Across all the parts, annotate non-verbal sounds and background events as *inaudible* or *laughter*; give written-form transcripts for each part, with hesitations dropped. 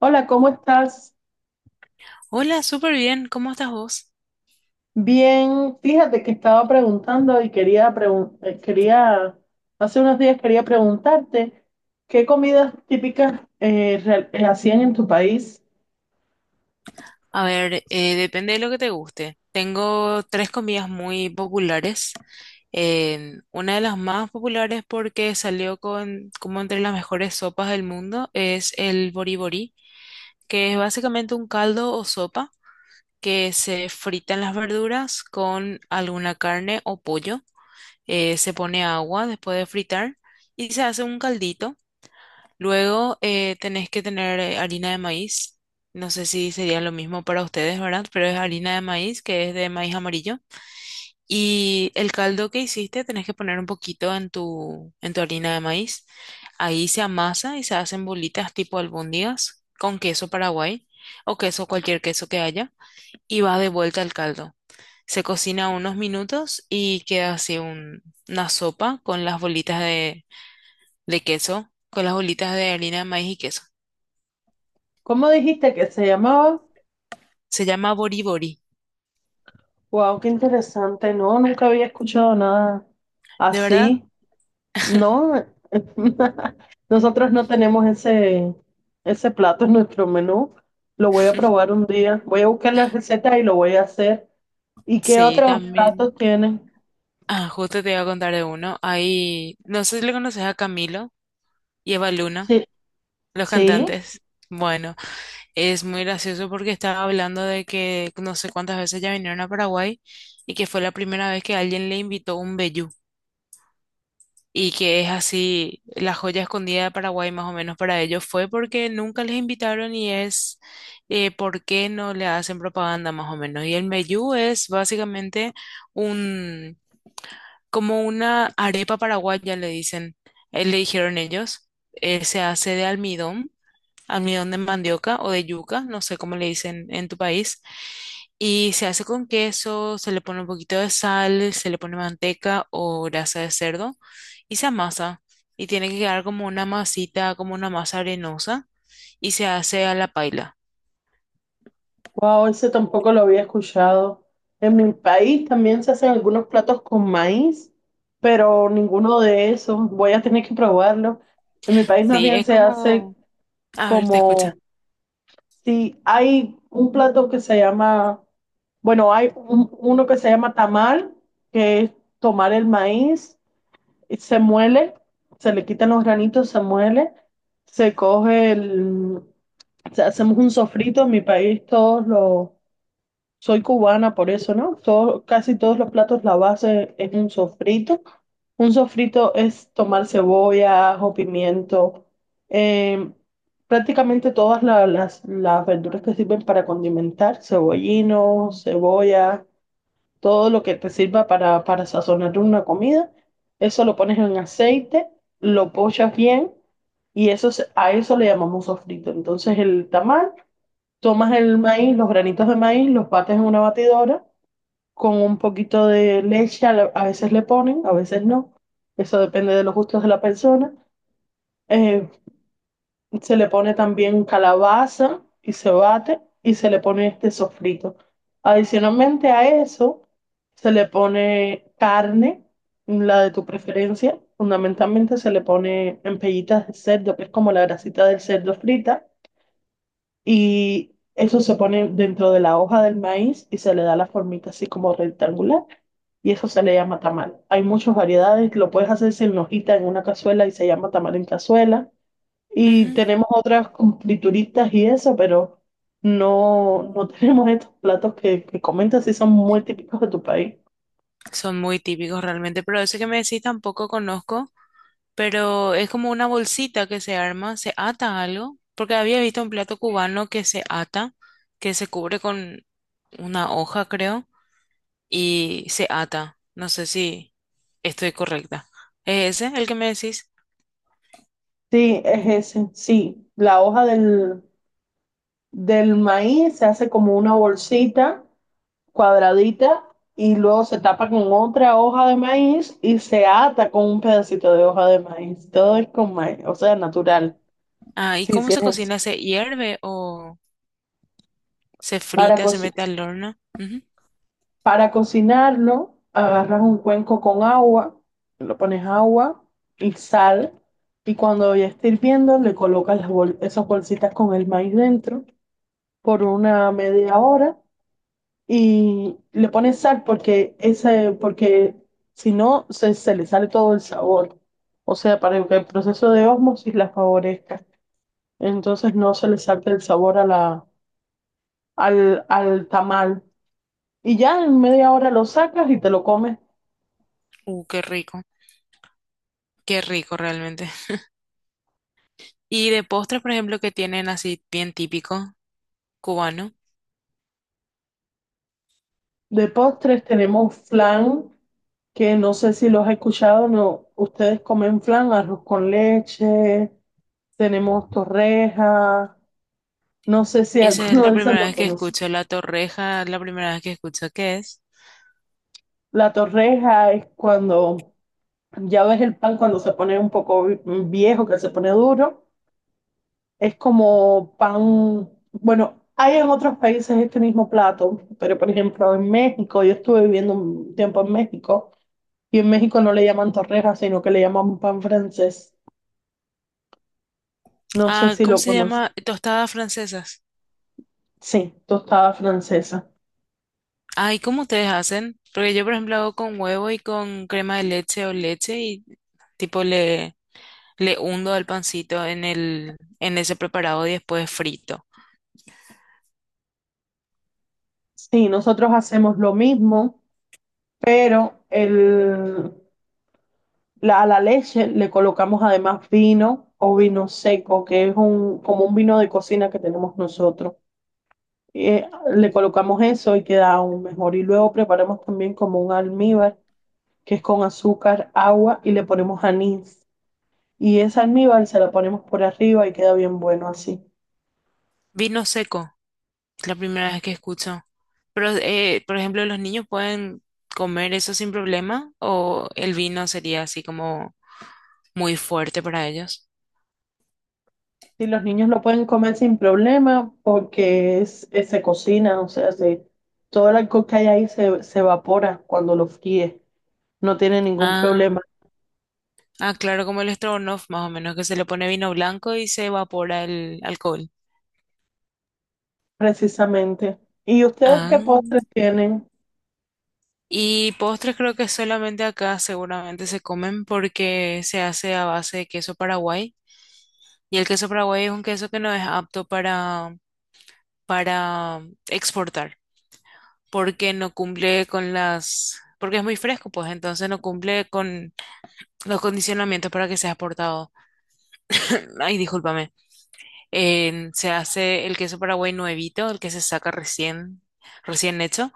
Hola, ¿cómo estás? Hola, súper bien. ¿Cómo estás vos? Bien, fíjate que estaba preguntando y quería quería hace unos días quería preguntarte qué comidas típicas hacían en tu país. A ver, depende de lo que te guste. Tengo tres comidas muy populares. Una de las más populares porque salió con, como entre las mejores sopas del mundo, es el boriborí, que es básicamente un caldo o sopa que se fritan las verduras con alguna carne o pollo. Se pone agua después de fritar y se hace un caldito. Luego tenés que tener harina de maíz. No sé si sería lo mismo para ustedes, ¿verdad? Pero es harina de maíz, que es de maíz amarillo. Y el caldo que hiciste tenés que poner un poquito en tu harina de maíz. Ahí se amasa y se hacen bolitas tipo albóndigas con queso paraguay o queso, cualquier queso que haya. Y va de vuelta al caldo. Se cocina unos minutos y queda así una sopa con las bolitas de queso, con las bolitas de harina de maíz y queso. ¿Cómo dijiste que se llamaba? Se llama Boribori. Wow, qué interesante. No, nunca había escuchado nada ¿De verdad? así. No, *laughs* nosotros no tenemos ese plato en nuestro menú. Lo voy a probar un día. Voy a buscar la receta y lo voy a hacer. ¿Y qué Sí, otros también. platos tienen? Ah, justo te iba a contar de uno. Ahí, no sé si le conoces a Camilo y Eva Luna, Sí. los Sí, cantantes. Bueno, es muy gracioso porque estaba hablando de que no sé cuántas veces ya vinieron a Paraguay y que fue la primera vez que alguien le invitó un vellú. Y que es así, la joya escondida de Paraguay más o menos para ellos fue porque nunca les invitaron y es, por qué no le hacen propaganda más o menos. Y el meyú es básicamente un, como una arepa paraguaya, le dicen, le dijeron ellos. Se hace de almidón de mandioca o de yuca, no sé cómo le dicen en tu país. Y se hace con queso, se le pone un poquito de sal, se le pone manteca o grasa de cerdo y se amasa. Y tiene que quedar como una masita, como una masa arenosa, y se hace a la paila. wow, ese tampoco lo había escuchado. En mi país también se hacen algunos platos con maíz, pero ninguno de esos. Voy a tener que probarlo. En mi país más Sí, bien es se hace como... A ver, te como escucha. si hay un plato que se llama, bueno, uno que se llama tamal, que es tomar el maíz, y se muele, se le quitan los granitos, se muele, se coge el, hacemos un sofrito. En mi país todos los. Soy cubana, por eso, ¿no? Casi todos los platos, la base es un sofrito. Un sofrito es tomar cebolla, ajo, pimiento, em, prácticamente todas las verduras que sirven para condimentar, cebollino, cebolla, todo lo que te sirva para sazonar una comida. Eso lo pones en aceite, lo pochas bien y eso, a eso le llamamos sofrito. Entonces el tamal. Tomas el maíz, los granitos de maíz, los bates en una batidora con un poquito de leche, a veces le ponen, a veces no. Eso depende de los gustos de la persona. Eh, se le pone también calabaza y se bate y se le pone este sofrito. Adicionalmente a eso, se le pone carne, la de tu preferencia. Fundamentalmente se le pone en pellitas de cerdo, que es como la grasita del cerdo frita y eso se pone dentro de la hoja del maíz y se le da la formita así como rectangular. Y eso se le llama tamal. Hay muchas variedades, lo puedes hacer sin hojita en una cazuela y se llama tamal en cazuela. Y Ujú. tenemos otras con frituritas y eso, pero no, no *laughs* tenemos estos platos que comentas si son muy típicos de tu país. Son muy típicos realmente, pero ese que me decís tampoco conozco. Pero es como una bolsita que se arma, se ata algo, porque había visto un plato cubano que se ata, que se cubre con una hoja, creo, y se ata. No sé si estoy correcta. ¿Es ese el que me decís? Sí, es ese, sí. La hoja del, del maíz se hace como una bolsita cuadradita y luego se tapa con otra hoja de maíz y se ata con un pedacito de hoja de maíz. Todo es con maíz, o sea, natural. Ah, ¿y Sí, cómo sí, es se así. cocina? ¿Se hierve o se Para, frita, co- se mete al horno? Ujú. para cocinarlo, agarras un cuenco con agua, lo pones agua y sal. Y cuando ya esté hirviendo, le colocas esas bolsitas con el maíz dentro por una media hora y le pones sal porque ese, porque si no se le sale todo el sabor. O sea, para que el proceso de ósmosis la favorezca. Entonces no se le salte el sabor a la, al, al tamal. Y ya en media hora lo sacas y te lo comes. Uh, qué rico, qué rico realmente. Y de postres, por ejemplo, que tienen así bien típico cubano. De postres tenemos flan, que no sé si los he escuchado, no, ustedes comen flan, arroz con leche, tenemos torrejas, no sé si Esa es alguno la de esos primera lo vez que conoce. escucho la torreja, la primera vez que escucho qué es. La torreja es cuando ya ves el pan cuando se pone un poco viejo, que se pone duro. Es como pan, bueno, hay en otros países este mismo plato, pero por ejemplo en México, yo estuve viviendo un tiempo en México y en México no le llaman torreja, sino que le llaman pan francés. No sé Ah, si ¿cómo lo se conoces. llama? ¿Tostadas francesas? Sí, tostada francesa. Ay, ¿cómo ustedes hacen? Porque yo, por ejemplo, hago con huevo y con crema de leche o leche y tipo le, le hundo al pancito en el, en ese preparado y después frito. Sí, nosotros hacemos lo mismo, pero el, a la leche le colocamos además vino o vino seco, que es un, como un vino de cocina que tenemos nosotros. Eh, le colocamos eso y queda aún mejor. Y luego preparamos también como un almíbar, que es con azúcar, agua y le ponemos anís. Y ese almíbar se la ponemos por arriba y queda bien bueno así. Vino seco, es la primera vez que escucho. Pero, por ejemplo, ¿los niños pueden comer eso sin problema? ¿O el vino sería así como muy fuerte para ellos? Y los niños lo pueden comer sin problema porque se cocina, o sea, todo el alcohol que hay ahí se evapora cuando lo fríes. No tiene ningún Ah, problema. ah, claro, como el Strogonoff, más o menos, que se le pone vino blanco y se evapora el alcohol. Precisamente. ¿Y ustedes Ah, qué postres tienen? y postres creo que solamente acá seguramente se comen porque se hace a base de queso Paraguay. Y el queso Paraguay es un queso que no es apto para exportar, porque no cumple con las, porque es muy fresco, pues entonces no cumple con los condicionamientos para que sea exportado. *laughs* *clears throat* Ay, discúlpame. Se hace el queso Paraguay nuevito, el que se saca recién, recién hecho,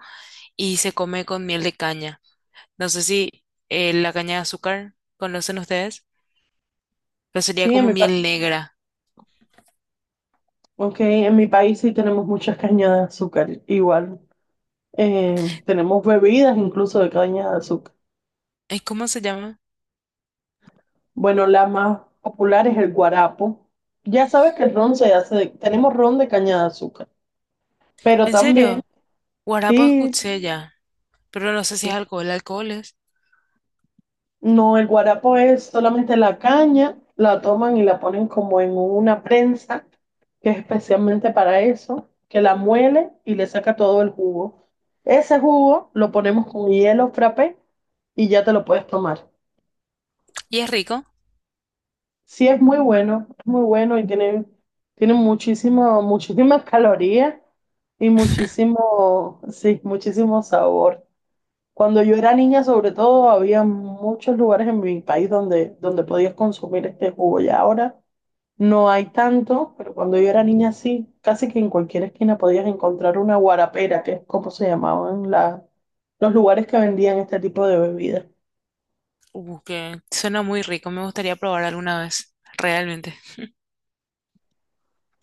y se come con miel de caña. No sé si la caña de azúcar conocen ustedes, pero sería Sí, en como mi miel negra. okay, en mi país sí tenemos muchas cañas de azúcar, igual. Tenemos bebidas incluso de caña de azúcar. Ay, ¿cómo se llama? Bueno, la más popular es el guarapo. Ya sabes que el ron se hace de- tenemos ron de caña de azúcar, pero ¿En también, serio? Guarapo sí, escuché ya, pero no sé si sí. es alcohol. Alcohol es. No, el guarapo es solamente la caña, la toman y la ponen como en una prensa, que es especialmente para eso, que la muele y le saca todo el jugo. Ese jugo lo ponemos con hielo frappé y ya te lo puedes tomar. ¿Y es rico? Sí, es muy bueno y tiene, tiene muchísimo, muchísimas calorías y *laughs* muchísimo, sí, muchísimo sabor. Cuando yo era niña, sobre todo, había muchos lugares en mi país donde, donde podías consumir este jugo. Ya ahora no hay tanto, pero cuando yo era niña sí, casi que en cualquier esquina podías encontrar una guarapera, que es como se llamaban los lugares que vendían este tipo de bebidas. Que suena muy rico. Me gustaría probar alguna vez, realmente.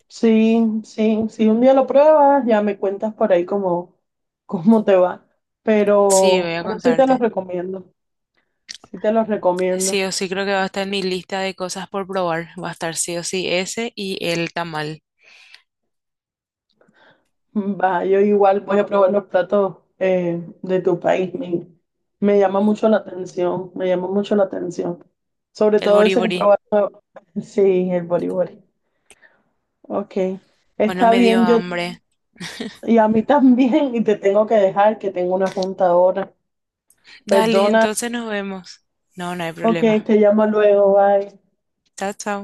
Sí, sí, si un día lo pruebas, ya me cuentas por ahí cómo, cómo te va. Sí, voy a Pero sí te los contarte. recomiendo, sí te los recomiendo. Sí o sí creo que va a estar en mi lista de cosas por probar. Va a estar sí o sí ese y el tamal, Va, yo igual voy a probar los platos de tu país. Me llama mucho la atención, me llama mucho la atención. Sobre el todo ese que boribori. probaste. *laughs* Sí, el boriborí. Ok, Bueno, está me dio bien, yo hambre. y a mí *laughs* también, y te tengo que dejar que tengo una junta ahora. Dale, Perdona, entonces nos vemos. No, no hay ok, problema. te llamo luego, bye. Chao, chao.